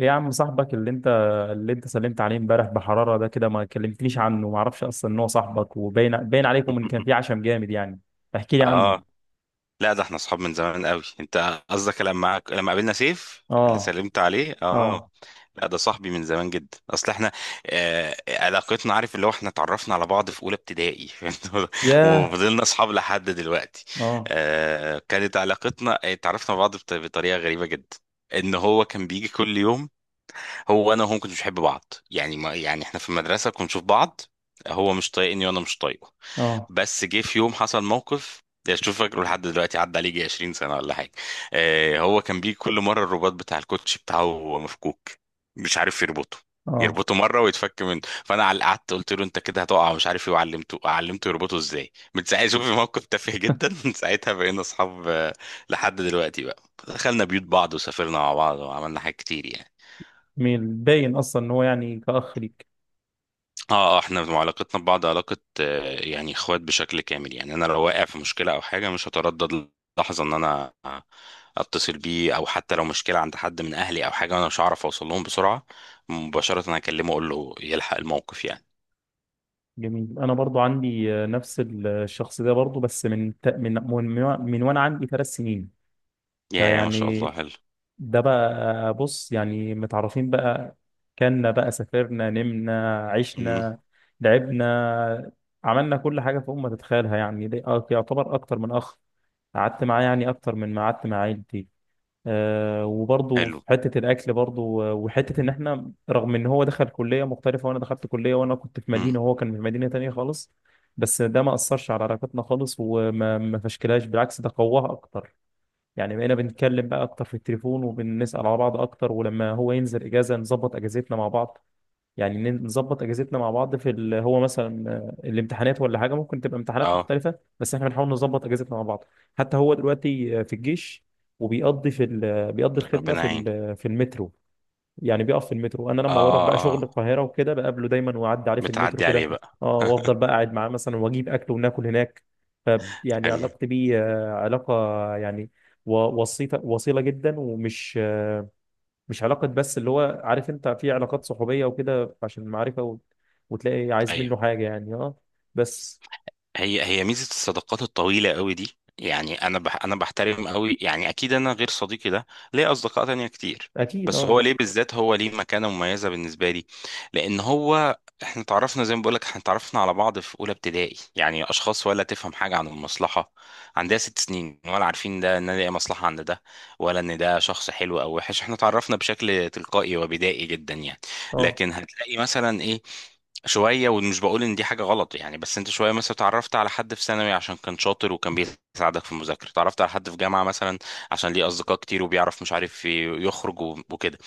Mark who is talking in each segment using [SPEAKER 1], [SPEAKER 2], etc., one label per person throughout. [SPEAKER 1] ايه يا عم، صاحبك اللي انت اللي انت سلمت عليه امبارح بحرارة ده، كده ما كلمتنيش عنه؟ ما اعرفش اصلا ان هو صاحبك، وباين عليكم ان كان فيه عشم جامد يعني. احكي لي عنه.
[SPEAKER 2] اه، لا ده احنا اصحاب من زمان قوي. انت قصدك لما قابلنا سيف اللي
[SPEAKER 1] اه.
[SPEAKER 2] سلمت عليه.
[SPEAKER 1] اه.
[SPEAKER 2] اه، لا ده صاحبي من زمان جدا. اصل احنا آه علاقتنا، عارف اللي هو احنا اتعرفنا على بعض في اولى ابتدائي.
[SPEAKER 1] ياه.
[SPEAKER 2] وفضلنا اصحاب لحد دلوقتي.
[SPEAKER 1] اه.
[SPEAKER 2] آه كانت علاقتنا، اتعرفنا على بعض بطريقة غريبة جدا. ان هو كان بيجي كل يوم، هو وانا، وهو ما كناش بنحب بعض يعني، ما يعني احنا في المدرسة كنا نشوف بعض. هو مش طايقني وانا مش طايقه.
[SPEAKER 1] اه.
[SPEAKER 2] بس جه في يوم حصل موقف، يعني شوف، فاكره لحد دلوقتي، عدى عليه يجي 20 سنة ولا حاجة. آه هو كان بيجي كل مرة الرباط بتاع الكوتش بتاعه مفكوك، مش عارف يربطه،
[SPEAKER 1] اه.
[SPEAKER 2] يربطه مرة ويتفك منه. فأنا قعدت قلت له أنت كده هتقع مش عارف إيه، وعلمته يربطه إزاي. من ساعتها، شوف موقف تافه جدا، من ساعتها بقينا أصحاب. آه، لحد دلوقتي بقى دخلنا بيوت بعض وسافرنا مع بعض وعملنا حاجات كتير يعني.
[SPEAKER 1] مين باين اصلا ان هو يعني كأخ ليك؟
[SPEAKER 2] اه، آه، احنا علاقتنا ببعض علاقة آه، يعني اخوات بشكل كامل. يعني انا لو واقع في مشكلة او حاجة مش هتردد لحظة ان انا اتصل بيه. او حتى لو مشكلة عند حد من اهلي او حاجة وانا مش هعرف اوصل لهم بسرعة، مباشرة هكلمه اقول له يلحق الموقف يعني.
[SPEAKER 1] جميل. انا برضو عندي نفس الشخص ده برضو، بس من من وانا عندي 3 سنين.
[SPEAKER 2] يا ما شاء
[SPEAKER 1] فيعني
[SPEAKER 2] الله حلو.
[SPEAKER 1] ده بقى، بص يعني، متعرفين بقى. كنا بقى سافرنا، نمنا،
[SPEAKER 2] امم.
[SPEAKER 1] عشنا، لعبنا، عملنا كل حاجة في أم ما تتخيلها يعني. ده يعتبر أكتر من أخ. قعدت معاه يعني أكتر من ما قعدت مع عيلتي. أه، وبرضه في
[SPEAKER 2] حلو.
[SPEAKER 1] حتة الأكل برضه، وحتة إن إحنا رغم إن هو دخل كلية مختلفة وأنا دخلت كلية، وأنا كنت في
[SPEAKER 2] امم.
[SPEAKER 1] مدينة وهو كان في مدينة تانية خالص. بس ده ما أثرش على علاقتنا خالص، وما ما فشكلهاش، بالعكس ده قواها أكتر. يعني بقينا بنتكلم بقى اكتر في التليفون وبنسأل على بعض اكتر، ولما هو ينزل اجازة نظبط اجازتنا مع بعض. يعني نظبط اجازتنا مع بعض في هو مثلا الامتحانات ولا حاجة، ممكن تبقى امتحانات
[SPEAKER 2] اه.
[SPEAKER 1] مختلفة بس احنا بنحاول نظبط اجازتنا مع بعض. حتى هو دلوقتي في الجيش، وبيقضي في بيقضي الخدمة
[SPEAKER 2] ربنا
[SPEAKER 1] في
[SPEAKER 2] يعين.
[SPEAKER 1] في المترو. يعني بيقف في المترو، انا
[SPEAKER 2] اه.
[SPEAKER 1] لما بروح بقى
[SPEAKER 2] اه.
[SPEAKER 1] شغل
[SPEAKER 2] آه.
[SPEAKER 1] القاهره وكده بقابله دايما، واعدي عليه في المترو
[SPEAKER 2] بتعدي عليه
[SPEAKER 1] كده.
[SPEAKER 2] بقى.
[SPEAKER 1] اه، وافضل بقى قاعد معاه مثلا واجيب اكل وناكل هناك. ف يعني
[SPEAKER 2] حلو.
[SPEAKER 1] علاقتي بيه علاقه يعني وسيطه وصيله جدا، ومش مش علاقه بس اللي هو عارف انت في علاقات صحوبيه وكده عشان المعرفه وتلاقي عايز
[SPEAKER 2] ايوه.
[SPEAKER 1] منه حاجه يعني. اه، بس.
[SPEAKER 2] هي ميزة الصداقات الطويلة قوي دي. يعني انا بحترم قوي، يعني اكيد انا غير صديقي ده ليه اصدقاء تانية كتير.
[SPEAKER 1] اكيد
[SPEAKER 2] بس هو
[SPEAKER 1] اه.
[SPEAKER 2] ليه بالذات، هو ليه مكانة مميزة بالنسبة لي، لان هو احنا اتعرفنا زي ما بقولك احنا اتعرفنا على بعض في اولى ابتدائي، يعني اشخاص ولا تفهم حاجة عن المصلحة، عندها 6 سنين، ولا عارفين ده ان ده ايه مصلحة عند ده، ولا ان ده شخص حلو او وحش. احنا اتعرفنا بشكل تلقائي وبدائي جدا يعني.
[SPEAKER 1] اه.
[SPEAKER 2] لكن هتلاقي مثلا ايه، شوية، ومش بقول ان دي حاجة غلط يعني، بس انت شوية مثلا اتعرفت على حد في ثانوي عشان كان شاطر وكان بيساعدك في المذاكرة، اتعرفت على حد في جامعة مثلا عشان ليه اصدقاء كتير وبيعرف مش عارف يخرج وكده.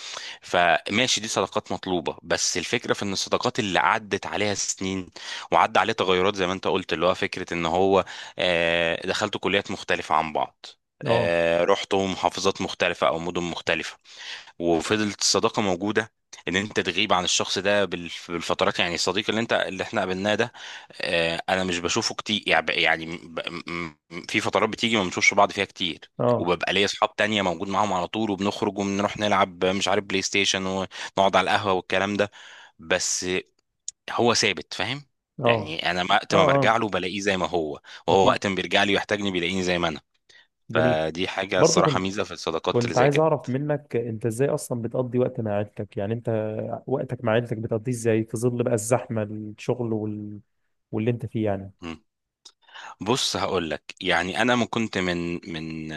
[SPEAKER 2] فماشي، دي صداقات مطلوبة، بس الفكرة في ان الصداقات اللي عدت عليها سنين وعدى عليها تغيرات، زي ما انت قلت، اللي هو فكرة ان هو آه، دخلتوا كليات مختلفة عن بعض،
[SPEAKER 1] اه.
[SPEAKER 2] آه، رحتوا محافظات مختلفة او مدن مختلفة، وفضلت الصداقه موجوده. ان انت تغيب عن الشخص ده بالفترات يعني. الصديق اللي انت اللي احنا قابلناه ده آه، انا مش بشوفه كتير يعني، يعني م- في فترات بتيجي ما بنشوفش بعض فيها كتير.
[SPEAKER 1] اه.
[SPEAKER 2] وببقى ليا اصحاب تانية موجود معاهم على طول، وبنخرج وبنروح نلعب مش عارف بلاي ستيشن، ونقعد على القهوة والكلام ده. بس هو ثابت، فاهم.
[SPEAKER 1] اه.
[SPEAKER 2] يعني انا
[SPEAKER 1] اه.
[SPEAKER 2] وقت ما
[SPEAKER 1] اه.
[SPEAKER 2] برجع
[SPEAKER 1] آه،
[SPEAKER 2] له بلاقيه زي ما هو، وهو
[SPEAKER 1] اكيد.
[SPEAKER 2] وقت ما بيرجع لي ويحتاجني بيلاقيني زي ما انا.
[SPEAKER 1] جميل.
[SPEAKER 2] فدي حاجة الصراحة
[SPEAKER 1] برضه
[SPEAKER 2] ميزة في الصداقات اللي
[SPEAKER 1] كنت
[SPEAKER 2] زي
[SPEAKER 1] عايز اعرف منك، انت ازاي اصلا بتقضي وقت مع عيلتك؟ يعني انت وقتك مع عيلتك بتقضيه ازاي في ظل بقى الزحمة، الشغل، واللي انت فيه يعني.
[SPEAKER 2] كده. بص هقول لك، يعني انا ما كنت من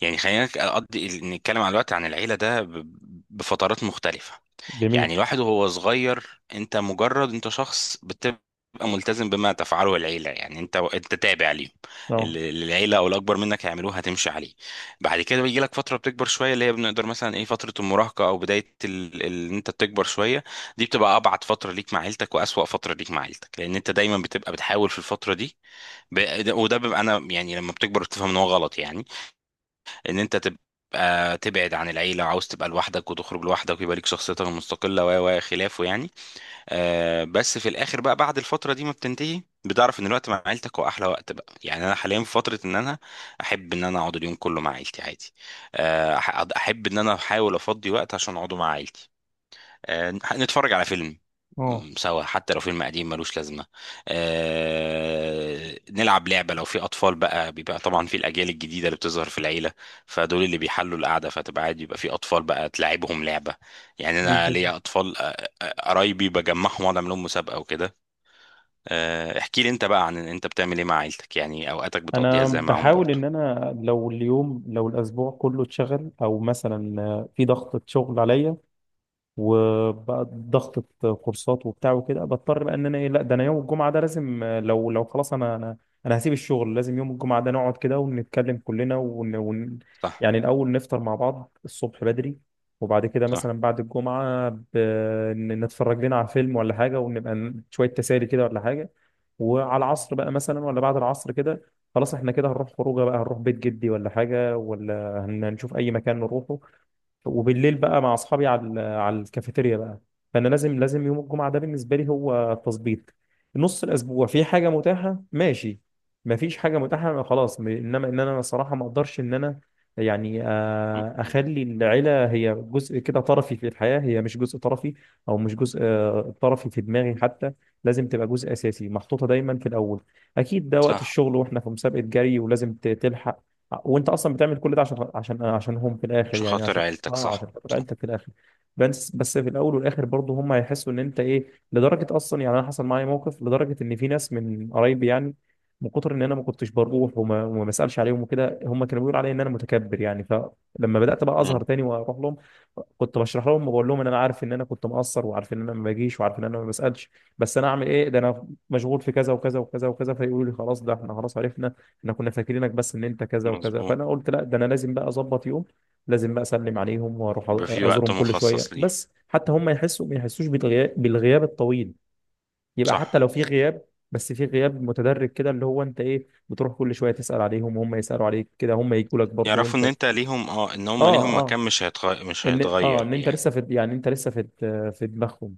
[SPEAKER 2] يعني، خلينا اقضي نتكلم على الوقت عن العيله ده بفترات مختلفه.
[SPEAKER 1] جميل.
[SPEAKER 2] يعني الواحد وهو صغير، انت مجرد انت شخص بتبقى ملتزم بما تفعله العيله، يعني انت تابع ليهم.
[SPEAKER 1] اه.
[SPEAKER 2] اللي العيله او الاكبر منك هيعملوه هتمشي عليه. بعد كده بيجي لك فتره بتكبر شويه، اللي هي بنقدر مثلا ايه فتره المراهقه او بدايه ان انت بتكبر شويه. دي بتبقى ابعد فتره ليك مع عيلتك واسوأ فتره ليك مع عيلتك، لان انت دايما بتبقى بتحاول في الفتره دي ب... وده بيبقى، انا يعني لما بتكبر بتفهم ان هو غلط يعني، ان انت تبقى تبعد عن العيله وعاوز تبقى لوحدك وتخرج لوحدك ويبقى ليك شخصيتك المستقله و خلافه يعني. آه بس في الاخر بقى بعد الفتره دي ما بتنتهي بتعرف ان الوقت مع عيلتك هو احلى وقت بقى. يعني انا حاليا في فتره ان انا احب ان انا اقعد اليوم كله مع عيلتي عادي. آه احب ان انا احاول افضي وقت عشان اقعده مع عيلتي. آه، نتفرج على فيلم
[SPEAKER 1] اه.
[SPEAKER 2] سوا حتى لو فيلم قديم ملوش لازمة. آه، نلعب لعبة لو في أطفال بقى، بيبقى طبعا في الأجيال الجديدة اللي بتظهر في العيلة، فدول اللي بيحلوا القعدة. فتبقى عادي يبقى في أطفال بقى تلعبهم لعبة. يعني
[SPEAKER 1] جميل
[SPEAKER 2] أنا
[SPEAKER 1] جدا.
[SPEAKER 2] ليا أطفال آه، آه، قرايبي بجمعهم وأقعد أعمل لهم مسابقة وكده. آه، احكي لي أنت بقى عن أنت بتعمل إيه مع عيلتك، يعني أوقاتك بتقضيها
[SPEAKER 1] انا
[SPEAKER 2] إزاي معاهم
[SPEAKER 1] بحاول ان
[SPEAKER 2] برضه؟
[SPEAKER 1] انا لو اليوم، لو الاسبوع كله اتشغل او مثلا في ضغط شغل عليا وبقى ضغطة كورسات وبتاع وكده، بضطر بقى ان انا ايه، لا، ده انا يوم الجمعة ده لازم، لو خلاص انا انا هسيب الشغل، لازم يوم الجمعة ده نقعد كده ونتكلم كلنا
[SPEAKER 2] صح.
[SPEAKER 1] يعني الاول نفطر مع بعض الصبح بدري، وبعد كده
[SPEAKER 2] صح.
[SPEAKER 1] مثلا بعد الجمعة نتفرج لنا على فيلم ولا حاجة، ونبقى شوية تسالي كده ولا حاجة. وعلى العصر بقى مثلا ولا بعد العصر كده خلاص، احنا كده هنروح خروجه بقى، هنروح بيت جدي ولا حاجة، ولا هنشوف اي مكان نروحه. وبالليل بقى مع اصحابي على على الكافيتيريا بقى. فانا لازم يوم الجمعه ده بالنسبه لي هو تظبيط. نص الاسبوع في حاجه متاحه، ماشي. ما فيش حاجه متاحه خلاص، انما ان انا الصراحه ما اقدرش ان انا يعني اخلي العيله هي جزء كده طرفي في الحياه، هي مش جزء طرفي او مش جزء طرفي في دماغي حتى. لازم تبقى جزء اساسي محطوطه دايما في الاول. اكيد ده وقت
[SPEAKER 2] صح.
[SPEAKER 1] الشغل واحنا في مسابقه جري ولازم تلحق، وانت اصلا بتعمل كل ده عشان عشان عشانهم في الاخر
[SPEAKER 2] عشان
[SPEAKER 1] يعني.
[SPEAKER 2] خاطر عيلتك،
[SPEAKER 1] اه،
[SPEAKER 2] صح
[SPEAKER 1] هتفتقد
[SPEAKER 2] صح.
[SPEAKER 1] عيلتك في الاخر. بس في الاول والاخر برضه هم هيحسوا ان انت ايه لدرجه اصلا. يعني انا حصل معايا موقف لدرجه ان في ناس من قرايبي يعني من كتر ان انا ما كنتش بروح وما بسالش عليهم وكده، هم كانوا بيقولوا عليا ان انا متكبر يعني. فلما بدات بقى اظهر
[SPEAKER 2] مم.
[SPEAKER 1] تاني واروح لهم كنت بشرح لهم وبقول لهم ان انا عارف ان انا كنت مقصر، وعارف ان انا ما باجيش، وعارف ان انا ما بسالش، بس انا اعمل ايه، ده انا مشغول في كذا وكذا وكذا وكذا. فيقولوا لي خلاص، ده احنا خلاص عرفنا، احنا كنا فاكرينك بس ان انت كذا وكذا.
[SPEAKER 2] مظبوط.
[SPEAKER 1] فانا قلت لا، ده انا لازم بقى اظبط يوم، لازم بقى اسلم عليهم واروح
[SPEAKER 2] يبقى في وقت
[SPEAKER 1] ازورهم كل شويه،
[SPEAKER 2] مخصص ليه.
[SPEAKER 1] بس حتى هم يحسوا ما يحسوش بالغياب، الطويل. يبقى حتى
[SPEAKER 2] صح.
[SPEAKER 1] لو في غياب بس في غياب متدرج كده، اللي هو انت ايه بتروح كل شويه تسال عليهم وهم يسالوا عليك كده، هم يجوا لك برضه
[SPEAKER 2] يعرفوا
[SPEAKER 1] وانت.
[SPEAKER 2] ان انت ليهم، اه، ان هم
[SPEAKER 1] اه،
[SPEAKER 2] ليهم مكان
[SPEAKER 1] اه،
[SPEAKER 2] مش هيتغير، مش
[SPEAKER 1] ان اه ان
[SPEAKER 2] هيتغير
[SPEAKER 1] انت
[SPEAKER 2] يعني.
[SPEAKER 1] لسه في، يعني انت لسه في في دماغهم.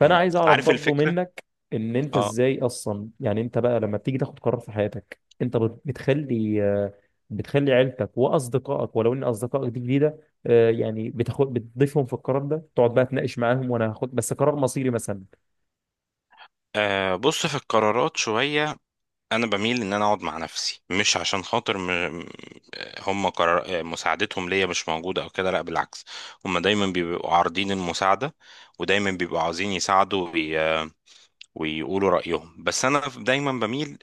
[SPEAKER 1] فانا
[SPEAKER 2] مم.
[SPEAKER 1] عايز اعرف
[SPEAKER 2] عارف
[SPEAKER 1] برضو
[SPEAKER 2] الفكرة.
[SPEAKER 1] منك ان انت
[SPEAKER 2] اه.
[SPEAKER 1] ازاي اصلا يعني انت بقى لما بتيجي تاخد قرار في حياتك، انت بتخلي بتخلي عيلتك واصدقائك، ولو ان اصدقائك دي جديده، يعني بتاخد بتضيفهم في القرار ده، تقعد بقى تناقش معاهم وانا هاخد بس قرار مصيري مثلا؟
[SPEAKER 2] آه، بص في القرارات شوية. أنا بميل إن أنا أقعد مع نفسي، مش عشان خاطر هم قرار... آه، مساعدتهم ليا مش موجودة أو كده، لا بالعكس، هم دايما بيبقوا عارضين المساعدة، ودايما بيبقوا عاوزين يساعدوا وي... آه، ويقولوا رأيهم. بس أنا دايما بميل،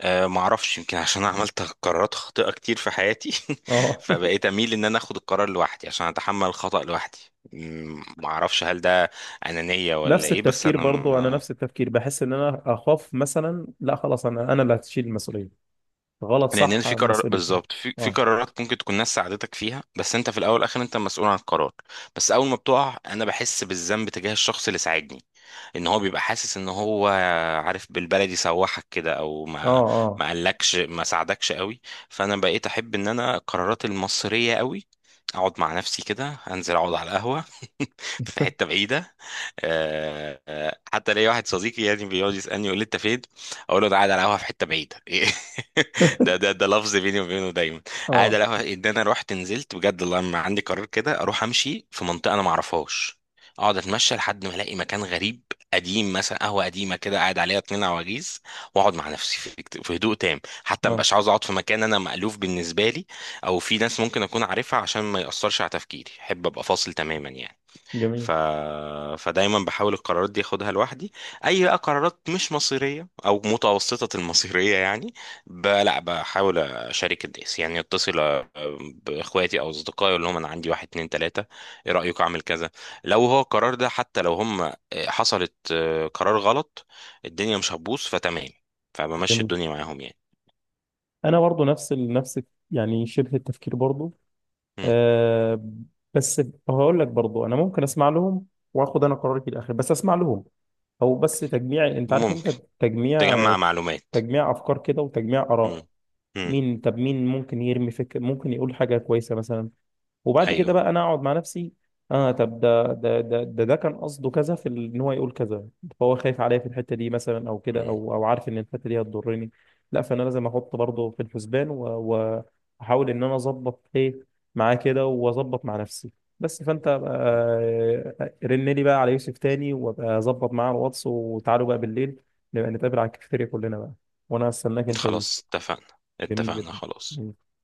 [SPEAKER 2] معرفش، يمكن عشان أنا عملت قرارات خاطئة كتير في حياتي.
[SPEAKER 1] اه
[SPEAKER 2] فبقيت أميل إن أنا أخد القرار لوحدي عشان أتحمل الخطأ لوحدي. معرفش هل ده أنانية ولا
[SPEAKER 1] نفس
[SPEAKER 2] إيه، بس
[SPEAKER 1] التفكير
[SPEAKER 2] أنا
[SPEAKER 1] برضو، انا نفس التفكير، بحس ان انا اخاف مثلا، لا خلاص انا اللي هتشيل المسؤوليه. غلط
[SPEAKER 2] لأن
[SPEAKER 1] صح
[SPEAKER 2] أنا في قرار
[SPEAKER 1] مسؤوليتي.
[SPEAKER 2] بالظبط في
[SPEAKER 1] اه.
[SPEAKER 2] قرارات ممكن تكون ناس ساعدتك فيها، بس أنت في الأول والآخر أنت مسؤول عن القرار. بس أول ما بتقع أنا بحس بالذنب تجاه الشخص اللي ساعدني، ان هو بيبقى حاسس ان هو عارف بالبلدي سوحك كده، او
[SPEAKER 1] اه.
[SPEAKER 2] ما
[SPEAKER 1] اه
[SPEAKER 2] ما قالكش ما ساعدكش قوي. فانا بقيت احب ان انا القرارات المصريه قوي اقعد مع نفسي كده، انزل اقعد على القهوه في حته بعيده. آه، آه، حتى ليا واحد صديقي يعني بيقعد يسالني يقول لي انت فين، اقول له ده قاعد على قهوه في حته بعيده. ده لفظ بيني وبينه دايما. قاعد
[SPEAKER 1] اه.
[SPEAKER 2] على قهوه. ان انا رحت نزلت بجد الله لما عندي قرار كده، اروح امشي في منطقه انا ما اعرفهاش، اقعد اتمشى لحد ما الاقي مكان غريب قديم، مثلا قهوه قديمه كده قاعد عليها اتنين عواجيز، واقعد مع نفسي في هدوء تام. حتى
[SPEAKER 1] اه.
[SPEAKER 2] مبقاش عاوز اقعد في مكان انا مألوف بالنسبه لي، او في ناس ممكن اكون عارفها، عشان ما ياثرش على تفكيري. احب ابقى فاصل تماما يعني. ف...
[SPEAKER 1] جميل.
[SPEAKER 2] فدايما بحاول القرارات دي اخدها لوحدي. اي بقى قرارات مش مصيريه او متوسطه المصيريه يعني، لا بحاول اشارك الناس، يعني اتصل باخواتي او اصدقائي اقول لهم انا عندي واحد اتنين تلاته، ايه رايك اعمل كذا. لو هو القرار ده حتى لو هم آه، حصلت آه، قرار غلط الدنيا مش هتبوظ فتمام. فبمشي
[SPEAKER 1] جميل.
[SPEAKER 2] الدنيا معاهم يعني.
[SPEAKER 1] انا برضو نفس نفس يعني شبه التفكير برضو.
[SPEAKER 2] مم.
[SPEAKER 1] أه، بس هقول لك برضو انا ممكن اسمع لهم، واخد انا قراري في الاخر بس اسمع لهم. او بس تجميع، انت عارف،
[SPEAKER 2] ممكن.
[SPEAKER 1] انت تجميع،
[SPEAKER 2] تجمع معلومات.
[SPEAKER 1] تجميع افكار كده وتجميع
[SPEAKER 2] مم.
[SPEAKER 1] اراء.
[SPEAKER 2] مم.
[SPEAKER 1] مين، طب مين ممكن يرمي فكر ممكن يقول حاجه كويسه مثلا، وبعد كده
[SPEAKER 2] ايوه.
[SPEAKER 1] بقى انا اقعد مع نفسي. اه، طب ده ده كان قصده كذا في ان هو يقول كذا، فهو خايف عليا في الحته دي مثلا، او كده،
[SPEAKER 2] مم.
[SPEAKER 1] او عارف ان الحته دي هتضرني. لا، فانا لازم احط برضه في الحسبان واحاول ان انا اظبط ايه معاه كده، واظبط مع نفسي. بس فانت رن لي بقى على يوسف تاني، وابقى اظبط معاه الواتس، وتعالوا بقى بالليل نبقى نتقابل على الكافيتيريا كلنا بقى، وانا هستناك انت ويوسف.
[SPEAKER 2] خلاص اتفقنا.
[SPEAKER 1] جميل
[SPEAKER 2] اتفقنا خلاص.
[SPEAKER 1] جدا.